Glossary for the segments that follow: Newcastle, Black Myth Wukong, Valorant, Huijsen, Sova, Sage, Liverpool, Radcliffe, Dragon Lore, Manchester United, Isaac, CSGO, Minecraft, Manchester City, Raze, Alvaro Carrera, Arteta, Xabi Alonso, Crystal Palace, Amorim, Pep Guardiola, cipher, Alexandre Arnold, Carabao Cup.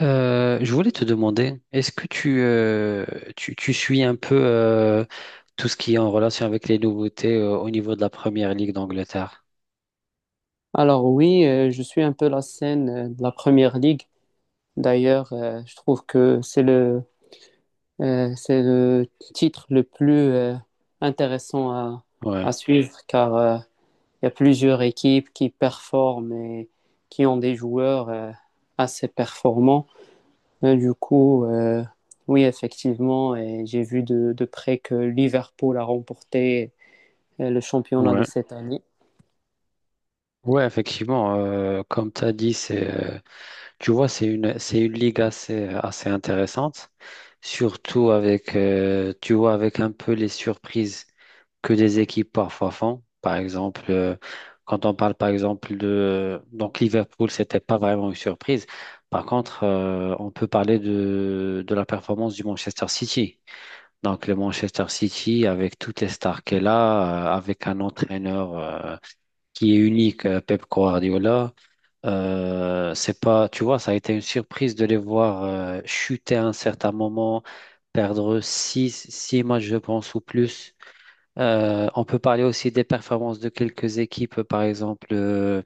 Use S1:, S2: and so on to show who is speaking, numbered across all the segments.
S1: Je voulais te demander, est-ce que tu suis un peu tout ce qui est en relation avec les nouveautés au niveau de la Première Ligue d'Angleterre?
S2: Alors oui, je suis un peu la scène de la Première Ligue. D'ailleurs, je trouve que c'est le titre le plus intéressant à
S1: Ouais,
S2: suivre car il y a plusieurs équipes qui performent et qui ont des joueurs assez performants. Et du coup, oui, effectivement, et j'ai vu de près que Liverpool a remporté le championnat de
S1: ouais.
S2: cette année.
S1: Ouais, effectivement, comme tu as dit, c'est, tu vois, c'est une ligue assez intéressante, surtout avec, tu vois, avec un peu les surprises que des équipes parfois font. Par exemple, quand on parle par exemple de... Donc Liverpool, c'était pas vraiment une surprise. Par contre, on peut parler de la performance du Manchester City. Donc le Manchester City, avec toutes les stars qu'elle a, avec un entraîneur qui est unique, Pep Guardiola. C'est pas, tu vois, ça a été une surprise de les voir chuter à un certain moment, perdre six matchs, je pense, ou plus. On peut parler aussi des performances de quelques équipes, par exemple.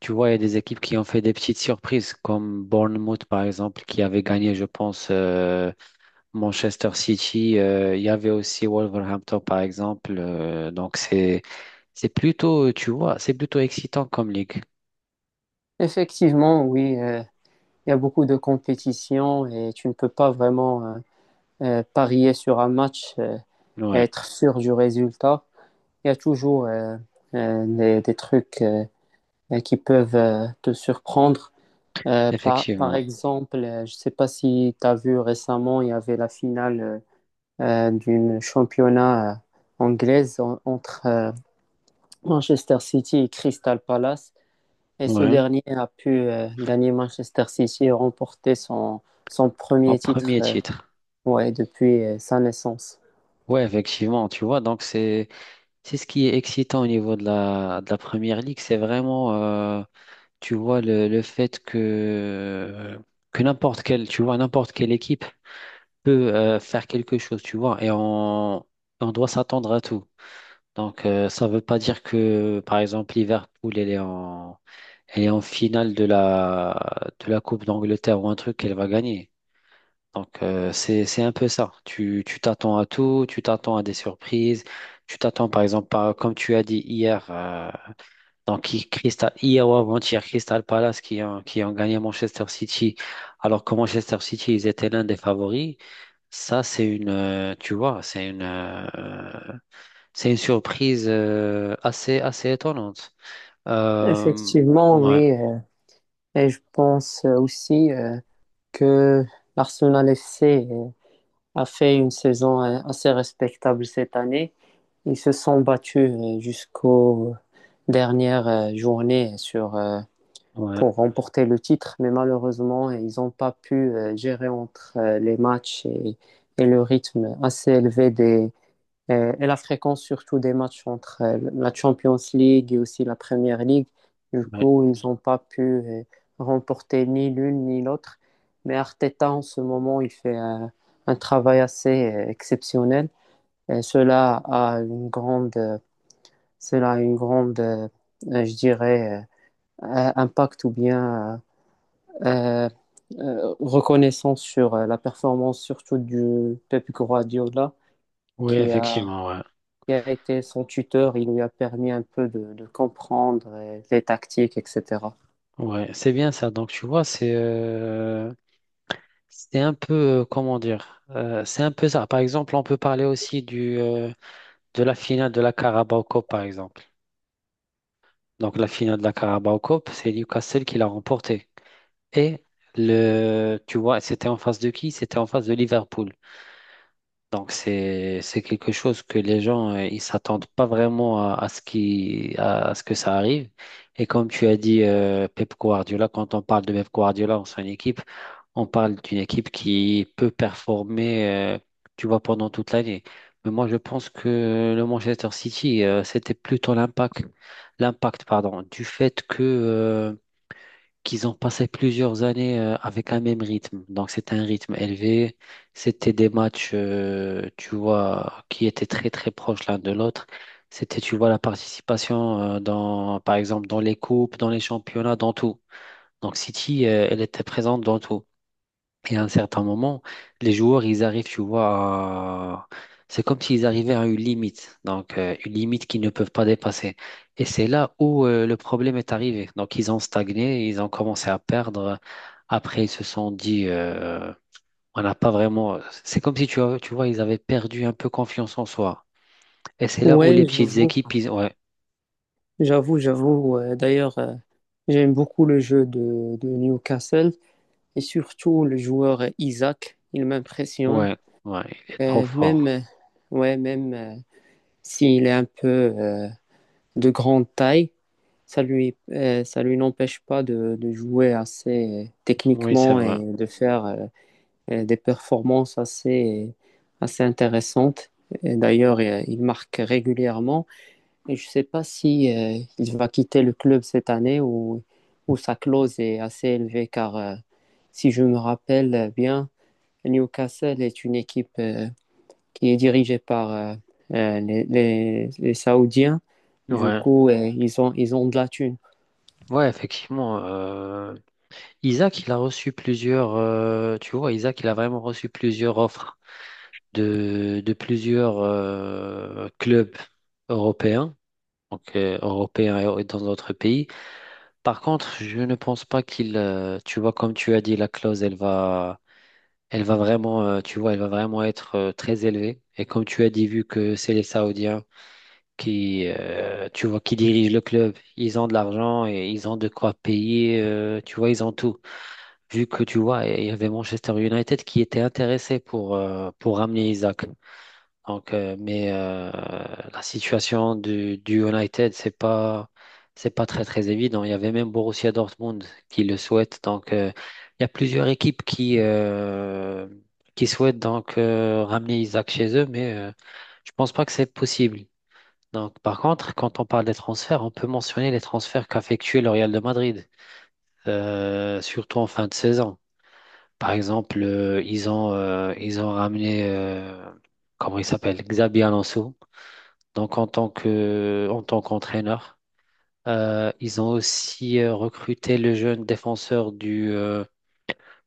S1: Tu vois, il y a des équipes qui ont fait des petites surprises, comme Bournemouth, par exemple, qui avait gagné, je pense, Manchester City. Il y avait aussi Wolverhampton, par exemple. Donc, c'est plutôt, tu vois, c'est plutôt excitant comme ligue.
S2: Effectivement, oui. Il y a beaucoup de compétitions et tu ne peux pas vraiment parier sur un match et
S1: Ouais,
S2: être sûr du résultat. Il y a toujours des trucs qui peuvent te surprendre. Par
S1: effectivement.
S2: exemple, je ne sais pas si tu as vu récemment, il y avait la finale d'une championnat anglaise entre Manchester City et Crystal Palace. Et ce
S1: Ouais.
S2: dernier a pu gagner Manchester City et remporter son
S1: En
S2: premier titre,
S1: premier titre.
S2: ouais, depuis sa naissance.
S1: Ouais, effectivement, tu vois, donc c'est ce qui est excitant au niveau de la première ligue, c'est vraiment tu vois le fait que n'importe quelle tu vois n'importe quelle équipe peut faire quelque chose, tu vois, et on doit s'attendre à tout. Donc ça veut pas dire que par exemple Liverpool elle est en finale de la Coupe d'Angleterre ou un truc qu'elle va gagner. Donc, c'est un peu ça. Tu t'attends à tout, tu t'attends à des surprises, tu t'attends par exemple, comme tu as dit hier, donc Crystal, hier ou avant-hier, Crystal Palace qui ont gagné Manchester City, alors que Manchester City, ils étaient l'un des favoris. Ça, c'est une, tu vois, c'est une surprise assez étonnante. Euh,
S2: Effectivement,
S1: ouais,
S2: oui. Et je pense aussi que l'Arsenal FC a fait une saison assez respectable cette année. Ils se sont battus jusqu'aux dernières journées
S1: ouais,
S2: pour remporter le titre, mais malheureusement, ils n'ont pas pu gérer entre les matchs et le rythme assez élevé des et la fréquence surtout des matchs entre la Champions League et aussi la Premier League. Du
S1: ouais.
S2: coup, ils n'ont pas pu remporter ni l'une ni l'autre. Mais Arteta, en ce moment, il fait un travail assez exceptionnel. Et cela a une grande, je dirais, impact ou bien euh, reconnaissance sur la performance surtout du Pep Guardiola
S1: Oui,
S2: qui a
S1: effectivement, ouais.
S2: qui a été son tuteur, il lui a permis un peu de comprendre les tactiques, etc.
S1: Ouais, c'est bien ça. Donc, tu vois, c'est un peu, comment dire, c'est un peu ça. Par exemple, on peut parler aussi de la finale de la Carabao Cup, par exemple. Donc, la finale de la Carabao Cup, c'est Newcastle qui l'a remportée. Et, Tu vois, c'était en face de qui? C'était en face de Liverpool. Donc c'est quelque chose que les gens ils s'attendent pas vraiment à ce que ça arrive. Et comme tu as dit Pep Guardiola, quand on parle de Pep Guardiola en son équipe, on parle d'une équipe qui peut performer euh, tu vois pendant toute l'année. Mais moi je pense que le Manchester City c'était plutôt l'impact pardon du fait que qu'ils ont passé plusieurs années avec un même rythme. Donc c'était un rythme élevé, c'était des matchs, tu vois, qui étaient très très proches l'un de l'autre. C'était, tu vois, la participation dans, par exemple, dans les coupes, dans les championnats, dans tout. Donc City, elle était présente dans tout. Et à un certain moment, les joueurs, ils arrivent, tu vois, c'est comme s'ils arrivaient à une limite, donc une limite qu'ils ne peuvent pas dépasser. Et c'est là où le problème est arrivé. Donc ils ont stagné, ils ont commencé à perdre. Après, ils se sont dit, on n'a pas vraiment. C'est comme si, tu vois, ils avaient perdu un peu confiance en soi. Et c'est là où les
S2: Oui,
S1: petites équipes, ils... Ouais,
S2: j'avoue. D'ailleurs, j'aime beaucoup le jeu de Newcastle et surtout le joueur Isaac, il m'impressionne.
S1: ouais, ouais, il est trop
S2: Euh, même,
S1: fort.
S2: euh, ouais, même s'il est un peu de grande taille, ça lui n'empêche pas de jouer assez
S1: Oui, c'est
S2: techniquement
S1: vrai.
S2: et de faire des performances assez intéressantes. Et d'ailleurs, il marque régulièrement. Et je ne sais pas si il va quitter le club cette année, ou sa clause est assez élevée, car si je me rappelle bien, Newcastle est une équipe qui est dirigée par les Saoudiens. Du
S1: Ouais,
S2: coup, ils ont de la thune.
S1: ouais, effectivement. Isaac, il a reçu plusieurs, tu vois, Isaac, il a vraiment reçu plusieurs offres de plusieurs clubs européens, donc européens et dans d'autres pays. Par contre, je ne pense pas qu'il, tu vois, comme tu as dit, la clause, elle va vraiment, tu vois, elle va vraiment être très élevée. Et comme tu as dit, vu que c'est les Saoudiens qui, tu vois, qui dirigent le club, ils ont de l'argent et ils ont de quoi payer, tu vois, ils ont tout. Vu que tu vois, il y avait Manchester United qui était intéressé pour ramener Isaac. Donc, mais la situation du United, c'est pas très très évident. Il y avait même Borussia Dortmund qui le souhaite. Donc, il y a plusieurs équipes qui souhaitent donc ramener Isaac chez eux, mais je pense pas que c'est possible. Donc, par contre, quand on parle des transferts, on peut mentionner les transferts qu'a effectué le Real de Madrid, surtout en fin de saison. Par exemple, ils ont ramené, comment il s'appelle, Xabi Alonso. Donc, en tant qu'entraîneur, ils ont aussi recruté le jeune défenseur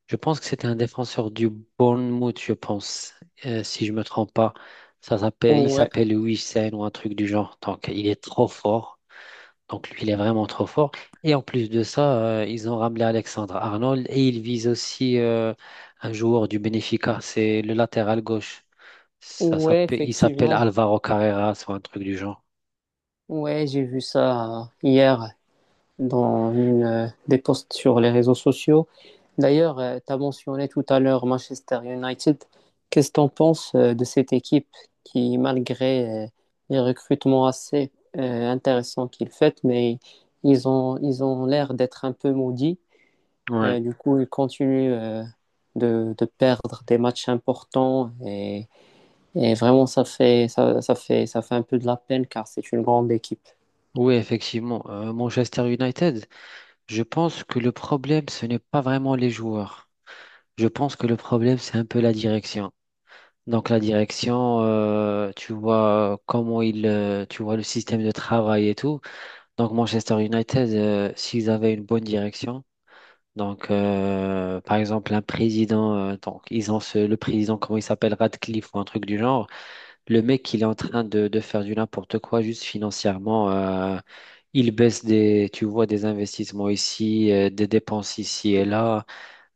S1: je pense que c'était un défenseur du Bournemouth, je pense, si je me trompe pas. Il
S2: Ouais,
S1: s'appelle Huijsen ou un truc du genre. Donc, il est trop fort. Donc lui, il est vraiment trop fort. Et en plus de ça, ils ont ramené Alexandre Arnold et ils visent aussi un joueur du Benfica, c'est le latéral gauche.
S2: ouais,
S1: Il s'appelle
S2: effectivement.
S1: Alvaro Carrera, soit un truc du genre.
S2: Ouais, j'ai vu ça hier, dans une, des posts sur les réseaux sociaux. D'ailleurs, tu as mentionné tout à l'heure Manchester United. Qu'est-ce que tu en penses de cette équipe qui, malgré les recrutements assez intéressants qu'ils font, mais ils ont l'air d'être un peu maudits.
S1: Ouais.
S2: Du coup, ils continuent de perdre des matchs importants et vraiment, ça fait un peu de la peine car c'est une grande équipe.
S1: Oui, effectivement. Manchester United, je pense que le problème, ce n'est pas vraiment les joueurs. Je pense que le problème, c'est un peu la direction. Donc la direction, tu vois tu vois le système de travail et tout. Donc Manchester United, s'ils avaient une bonne direction, donc par exemple un président, donc ils ont le président, comment il s'appelle, Radcliffe ou un truc du genre, le mec il est en train de faire du n'importe quoi juste financièrement, il baisse des, tu vois, des investissements ici, des dépenses ici et là,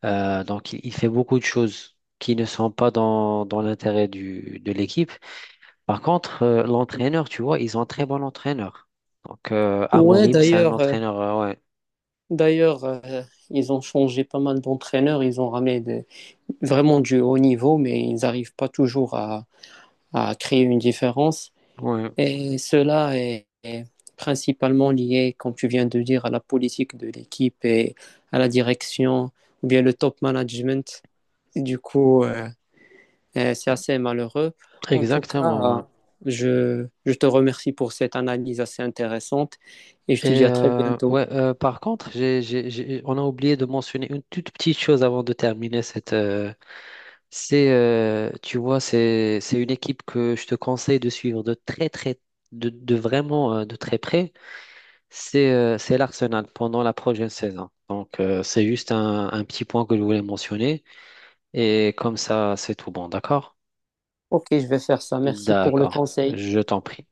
S1: Donc il fait beaucoup de choses qui ne sont pas dans l'intérêt de l'équipe. Par contre, l'entraîneur, tu vois, ils ont un très bon entraîneur. Donc,
S2: Ouais,
S1: Amorim, c'est un
S2: d'ailleurs, euh,
S1: entraîneur, ouais.
S2: D'ailleurs, euh, ils ont changé pas mal d'entraîneurs, ils ont ramené des- vraiment du haut niveau, mais ils n'arrivent pas toujours à créer une différence.
S1: Ouais,
S2: Et est principalement lié, comme tu viens de dire, à la politique de l'équipe et à la direction, ou bien le top management. Du coup, c'est assez malheureux. En tout cas,
S1: exactement. Ouais.
S2: je te remercie pour cette analyse assez intéressante et je
S1: Et
S2: te dis à très bientôt.
S1: ouais, par contre, on a oublié de mentionner une toute petite chose avant de terminer cette. C'est, tu vois, c'est une équipe que je te conseille de suivre de très, très, de vraiment de très près. C'est l'Arsenal pendant la prochaine saison. Donc, c'est juste un petit point que je voulais mentionner. Et comme ça, c'est tout bon, d'accord?
S2: Ok, je vais faire ça. Merci pour le
S1: D'accord,
S2: conseil.
S1: je t'en prie.